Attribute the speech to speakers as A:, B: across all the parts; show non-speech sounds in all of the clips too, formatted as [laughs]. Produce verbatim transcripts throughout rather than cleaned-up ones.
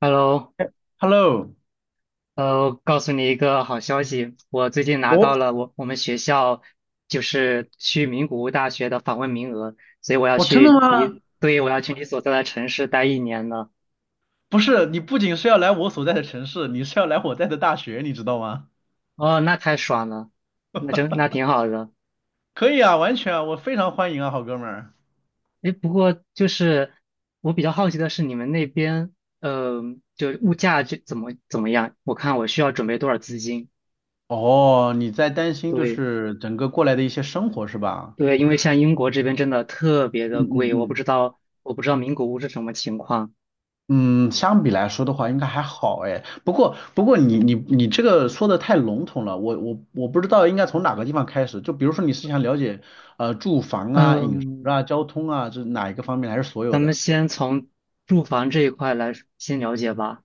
A: Hello，
B: Hello，
A: 呃，告诉你一个好消息，我最近拿
B: 我
A: 到了我我们学校就是去名古屋大学的访问名额，所以我要
B: 我真的
A: 去
B: 吗？
A: 你，对，我要去你所在的城市待一年了。
B: 不是，你不仅是要来我所在的城市，你是要来我在的大学，你知道吗？
A: 哦，那太爽了，那真那挺好的。
B: 可以啊，完全啊，我非常欢迎啊，好哥们儿。
A: 诶，不过就是我比较好奇的是你们那边，呃，就物价就怎么怎么样？我看我需要准备多少资金？
B: 哦，你在担心就
A: 对，
B: 是整个过来的一些生活是吧？
A: 对，因为像英国这边真的特别
B: 嗯
A: 的
B: 嗯
A: 贵，我不
B: 嗯。
A: 知道我不知道名古屋是什么情况。
B: 嗯，相比来说的话，应该还好哎。不过不过你你你这个说的太笼统了，我我我不知道应该从哪个地方开始。就比如说你是想了解呃住房啊、饮食
A: 嗯，
B: 啊、交通啊，这哪一个方面，还是所有
A: 咱们
B: 的？
A: 先从住房这一块来先了解吧。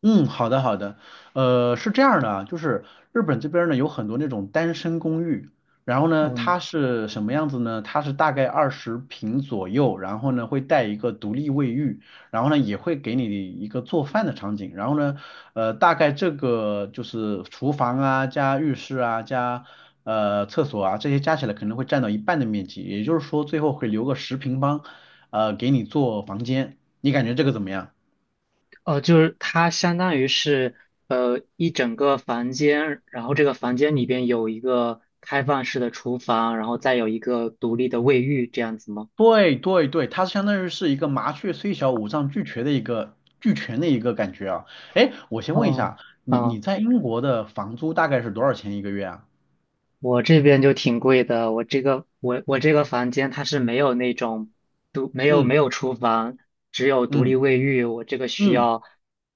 B: 嗯，好的好的，呃，是这样的啊，就是日本这边儿呢有很多那种单身公寓，然后呢
A: 嗯，
B: 它是什么样子呢？它是大概二十平左右，然后呢会带一个独立卫浴，然后呢也会给你一个做饭的场景，然后呢，呃，大概这个就是厨房啊加浴室啊加呃厕所啊这些加起来可能会占到一半的面积，也就是说最后会留个十平方，呃给你做房间，你感觉这个怎么样？
A: 哦，就是它相当于是呃一整个房间，然后这个房间里边有一个开放式的厨房，然后再有一个独立的卫浴，这样子吗？
B: 对对对，它相当于是一个麻雀虽小，五脏俱全的一个俱全的一个感觉啊。哎，我先问一
A: 哦，
B: 下，你
A: 啊。
B: 你在英国的房租大概是多少钱一个月啊？
A: 我这边就挺贵的，我这个我我这个房间它是没有那种独没有
B: 嗯
A: 没有厨房，只有独立
B: 嗯
A: 卫浴，我这个需
B: 嗯
A: 要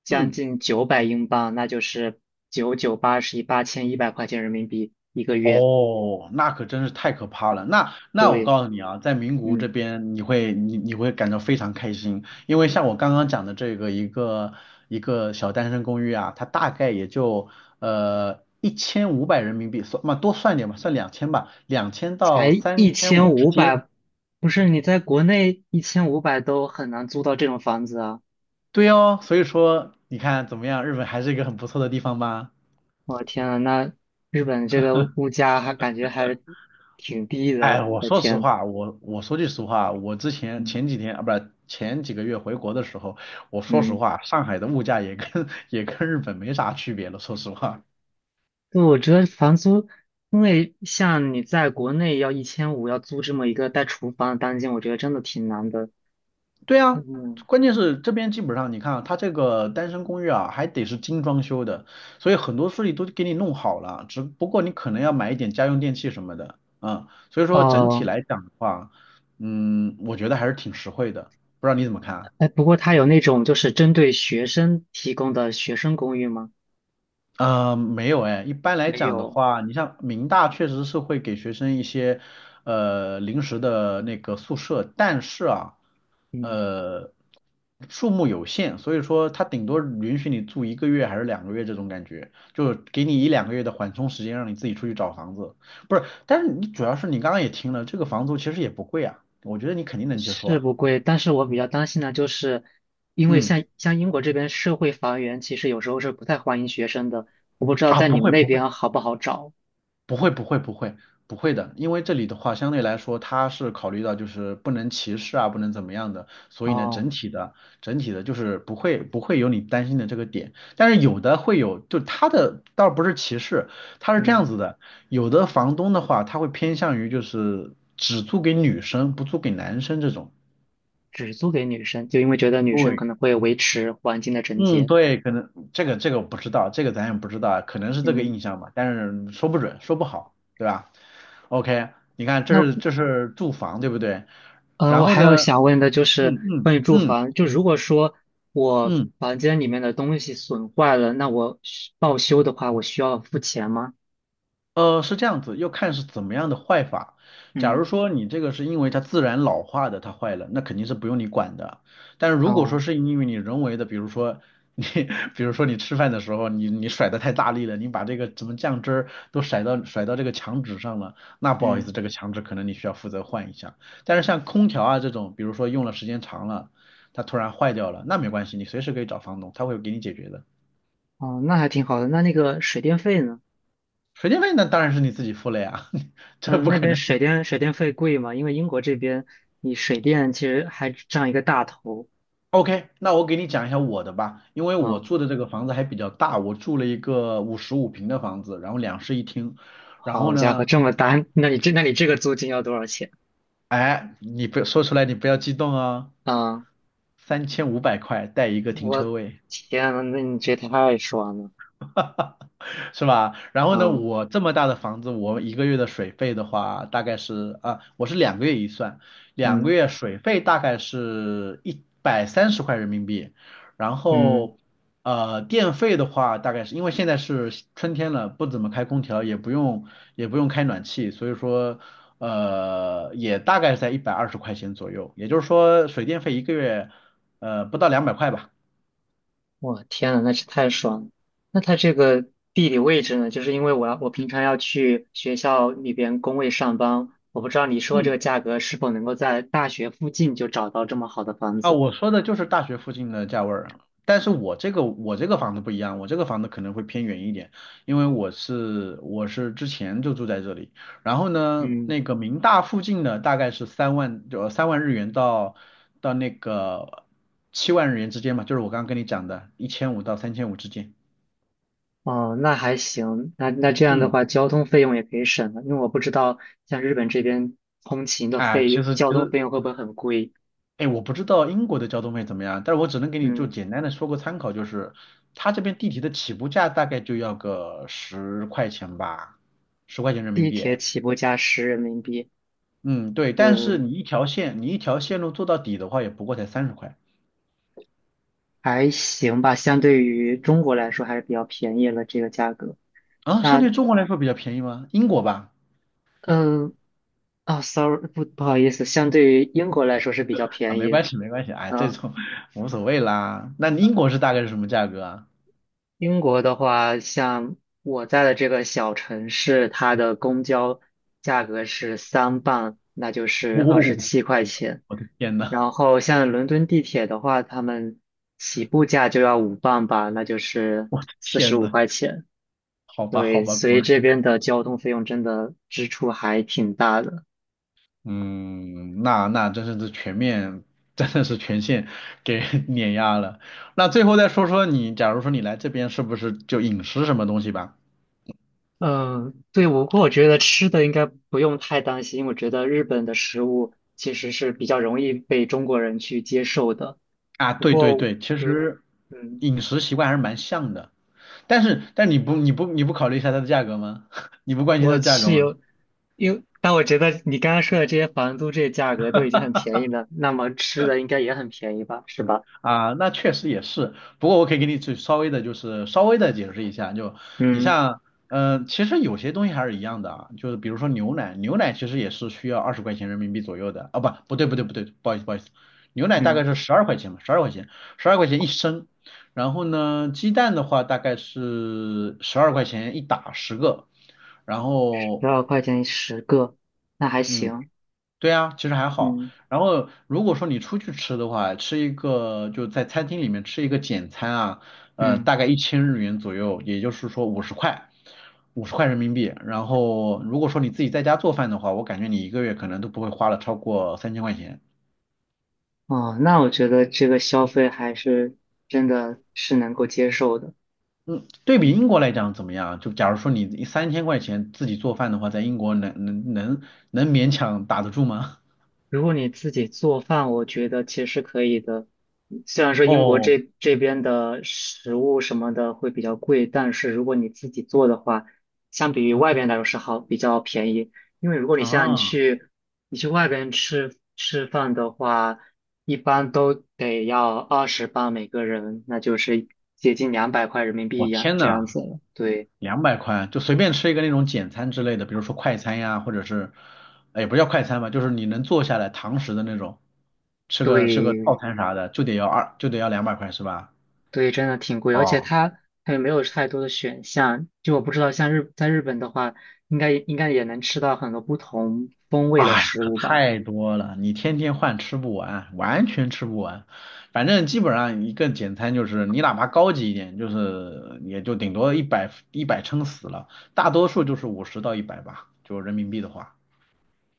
A: 将
B: 嗯。
A: 近九百英镑，那就是九九八十一八千一百块钱人民币一个月。
B: 哦，那可真是太可怕了。那那我
A: 对，
B: 告诉你啊，在名古屋这
A: 嗯，
B: 边，你会你你会感到非常开心，因为像我刚刚讲的这个一个一个小单身公寓啊，它大概也就呃一千五百人民币，算嘛多算点吧，算两千吧，两千
A: 才
B: 到三
A: 一
B: 千五
A: 千
B: 之
A: 五
B: 间。
A: 百，不是你在国内一千五百都很难租到这种房子啊！
B: 对哦，所以说你看怎么样，日本还是一个很不错的地方吧。
A: 我的天啊，那日本这个物价还感觉还挺低的，
B: 哎，我
A: 我的
B: 说实
A: 天，
B: 话，我我说句实话，我之前
A: 嗯
B: 前几天啊，不是前几个月回国的时候，我说实
A: 嗯。
B: 话，上海的物价也跟 [laughs] 也跟日本没啥区别了。说实话，
A: 对，我觉得房租，因为像你在国内要一千五要租这么一个带厨房的单间，我觉得真的挺难的。
B: 对啊，
A: 嗯，
B: 关键是这边基本上你看啊，它这个单身公寓啊，还得是精装修的，所以很多东西都给你弄好了，只不过你可能要买一点家用电器什么的，嗯，所以说整体
A: 哦，
B: 来讲的话，嗯，我觉得还是挺实惠的，不知道你怎么看啊？
A: 哎，不过它有那种就是针对学生提供的学生公寓吗？
B: 呃，没有哎，一般来
A: 没
B: 讲的
A: 有，
B: 话，你像民大确实是会给学生一些呃临时的那个宿舍，但是啊，
A: 嗯，
B: 呃，数目有限，所以说它顶多允许你住一个月还是两个月这种感觉，就给你一两个月的缓冲时间，让你自己出去找房子。不是，但是你主要是你刚刚也听了，这个房租其实也不贵啊，我觉得你肯定能接受
A: 是
B: 啊。
A: 不贵，但是我比
B: 嗯
A: 较担心的就是，因为
B: 嗯
A: 像像英国这边社会房源其实有时候是不太欢迎学生的，我不知道
B: 啊，
A: 在
B: 不
A: 你们
B: 会
A: 那
B: 不会。
A: 边好不好找。
B: 不会，不会，不会，不会的，因为这里的话，相对来说，它是考虑到就是不能歧视啊，不能怎么样的，所以呢，整
A: 哦，
B: 体的，整体的就是不会不会有你担心的这个点，但是有的会有，就它的倒不是歧视，它是这样
A: 嗯，
B: 子的，有的房东的话，他会偏向于就是只租给女生，不租给男生这种。
A: 只租给女生，就因为觉得女生
B: 对。
A: 可能会维持环境的整
B: 嗯，
A: 洁。
B: 对，可能这个这个我不知道，这个咱也不知道，可能是这个
A: 嗯，
B: 印象吧，但是说不准，说不好，对吧？OK,你看这
A: 那，
B: 是这是住房，对不对？
A: 嗯，
B: 然
A: 我
B: 后
A: 还有
B: 呢，
A: 想问的就
B: 嗯
A: 是
B: 嗯
A: 关于住
B: 嗯
A: 房，就如果说我
B: 嗯，
A: 房间里面的东西损坏了，那我需报修的话，我需要付钱吗？
B: 呃，是这样子，要看是怎么样的坏法。假如
A: 嗯，
B: 说你这个是因为它自然老化的，它坏了，那肯定是不用你管的。但是如果说
A: 哦，
B: 是因为你人为的，比如说你，[laughs] 比如说你吃饭的时候，你你甩的太大力了，你把这个什么酱汁儿都甩到甩到这个墙纸上了，那不好意
A: 嗯，
B: 思，这个墙纸可能你需要负责换一下。但是像空调啊这种，比如说用了时间长了，它突然坏掉了，那没关系，你随时可以找房东，他会给你解决的。
A: 哦，那还挺好的。那那个水电费呢？
B: 水电费那当然是你自己付了呀，[laughs] 这
A: 嗯，
B: 不
A: 那
B: 可
A: 边
B: 能。
A: 水电水电费贵吗？因为英国这边你水电其实还占一个大头。
B: OK,那我给你讲一下我的吧，因为我
A: 嗯，
B: 住的这个房子还比较大，我住了一个五十五平的房子，然后两室一厅，然后
A: 好家伙，
B: 呢，
A: 这么大，那你这那你这个租金要多少钱？
B: 你不说出来，你不要激动啊，
A: 嗯，
B: 三千五百块带一个停
A: 我
B: 车位，
A: 天呐，那你这太爽了。
B: 是吧？然后呢，
A: 嗯
B: 我这么大的房子，我一个月的水费的话，大概是啊，我是两个月一算，两个
A: 嗯
B: 月水费大概是一百三十块人民币，然
A: 嗯。
B: 后呃，电费的话，大概是因为现在是春天了，不怎么开空调，也不用也不用开暖气，所以说呃，也大概在一百二十块钱左右，也就是说水电费一个月呃不到两百块吧。
A: 我天呐，那是太爽了！那它这个地理位置呢？就是因为我要我平常要去学校里边工位上班，我不知道你说这
B: 嗯，
A: 个价格是否能够在大学附近就找到这么好的房
B: 啊，
A: 子。
B: 我说的就是大学附近的价位儿啊，但是我这个我这个房子不一样，我这个房子可能会偏远一点，因为我是我是之前就住在这里，然后呢，
A: 嗯，
B: 那个民大附近的大概是三万就三万日元到到那个七万日元之间嘛，就是我刚刚跟你讲的，一千五到三千五之间。
A: 哦，那还行，那那这样的
B: 嗯，
A: 话，交通费用也可以省了，因为我不知道像日本这边通勤的
B: 啊，
A: 费
B: 其
A: 用，
B: 实其
A: 交通费
B: 实
A: 用会不会很贵？
B: 哎，我不知道英国的交通费怎么样，但是我只能给你就
A: 嗯，
B: 简单的说个参考，就是它这边地铁的起步价大概就要个十块钱吧，十块钱人民
A: 地
B: 币。
A: 铁起步价十人民币，
B: 嗯，对，但是
A: 嗯，
B: 你一条线，你一条线路做到底的话，也不过才三十块
A: 还行吧，相对于中国来说还是比较便宜了这个价格。
B: 啊，相
A: 那，
B: 对中国来说比较便宜吗？英国吧，
A: 嗯，啊，sorry，不不好意思，相对于英国来说是比较
B: 啊，
A: 便
B: 没
A: 宜的。
B: 关系，没关系，哎，这
A: 嗯，
B: 种无所谓啦。那英国是大概是什么价格啊？
A: 英国的话，像我在的这个小城市，它的公交价格是三磅，那就是二十
B: 哦，
A: 七块钱。
B: 我的天呐，
A: 然后像伦敦地铁的话，他们起步价就要五磅吧，那就是四十
B: 天
A: 五
B: 呐，
A: 块钱。
B: 好吧，好
A: 对，
B: 吧，
A: 所
B: 果
A: 以这
B: 然。
A: 边的交通费用真的支出还挺大的。
B: 嗯，那那真是这全面，真的是全线给 [laughs] 碾压了。那最后再说说你，假如说你来这边是不是就饮食什么东西吧？
A: 嗯，对，我不过我觉得吃的应该不用太担心。我觉得日本的食物其实是比较容易被中国人去接受的。
B: 啊，
A: 不
B: 对对
A: 过，
B: 对，其
A: 对，
B: 实
A: 嗯，
B: 饮食习惯还是蛮像的，但是但你不你不你不考虑一下它的价格吗？[laughs] 你不关心它
A: 我
B: 的价格
A: 是
B: 吗？
A: 有，因为但我觉得你刚刚说的这些房租这些价格都已经很便宜了，那么吃的应该也很便宜吧，是吧？
B: 啊，那确实也是。不过我可以给你只稍微的，就是稍微的解释一下。就你
A: 嗯
B: 像，嗯、其实有些东西还是一样的啊。就是比如说牛奶，牛奶其实也是需要二十块钱人民币左右的。啊，不，不对，不对，不对，不好意思，不好意思，牛奶大概
A: 嗯，
B: 是十二块钱嘛，十二块钱，十二块钱一升。然后呢，鸡蛋的话大概是十二块钱一打十个。然
A: 十
B: 后，
A: 二块钱十个，那还
B: 嗯，
A: 行。
B: 对啊，其实还好。
A: 嗯
B: 然后如果说你出去吃的话，吃一个就在餐厅里面吃一个简餐啊，呃，
A: 嗯，
B: 大概一千日元左右，也就是说五十块，五十块人民币。然后如果说你自己在家做饭的话，我感觉你一个月可能都不会花了超过三千块钱。
A: 哦，那我觉得这个消费还是真的是能够接受的。
B: 嗯，对比
A: 嗯。
B: 英国来讲怎么样？就假如说你三千块钱自己做饭的话，在英国能能能能勉强打得住吗？
A: 如果你自己做饭，我觉得其实可以的。虽然说英国
B: 哦
A: 这这边的食物什么的会比较贵，但是如果你自己做的话，相比于外边来说是好，比较便宜。因为如果你
B: [laughs]，
A: 像你
B: 啊，
A: 去你去外边吃吃饭的话，一般都得要二十磅每个人，那就是接近两百块人民
B: 我
A: 币样
B: 天
A: 这
B: 呐！
A: 样子了。对，
B: 两百块就随便吃一个那种简餐之类的，比如说快餐呀，或者是，哎，也不叫快餐吧，就是你能坐下来堂食的那种，吃个吃个套
A: 对，
B: 餐啥的，就得要二就得要两百块是吧？
A: 对，真的挺贵，而且
B: 哦，
A: 它它也没有太多的选项。就我不知道，像日在日本的话，应该应该也能吃到很多不同风味的
B: 哎呀，
A: 食
B: 可
A: 物吧？
B: 太多了，你天天换吃不完，完全吃不完。反正基本上一个简餐就是你哪怕高级一点，就是也就顶多一百一百撑死了，大多数就是五十到一百吧，就人民币的话。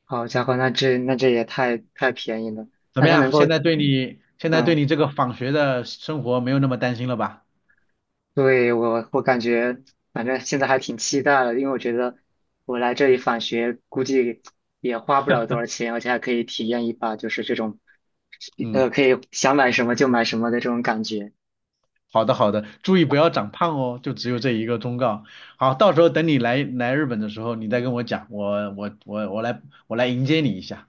A: 好家伙，那这那这也太太便宜了。
B: 怎
A: 那
B: 么
A: 它能
B: 样？
A: 够，
B: 现在对你现在对
A: 嗯，
B: 你这个访学的生活没有那么担心了吧？
A: 对，我我感觉，反正现在还挺期待的，因为我觉得我来这里返学，估计也花不了多少钱，而且还可以体验一把就是这种，呃，
B: 嗯，
A: 可以想买什么就买什么的这种感觉。
B: 好的好的，注意不要长胖哦，就只有这一个忠告。好，到时候等你来来日本的时候，你再跟我讲，我我我我来我来迎接你一下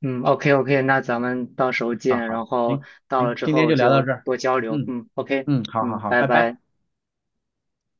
A: 嗯，OK OK，那咱们到时候
B: 啊。
A: 见，然
B: 好，
A: 后
B: 行
A: 到了
B: 行，
A: 之
B: 今天
A: 后
B: 就聊到
A: 就
B: 这儿。
A: 多交流。
B: 嗯
A: 嗯，OK，
B: 嗯，好好
A: 嗯，
B: 好，
A: 拜
B: 拜
A: 拜。
B: 拜。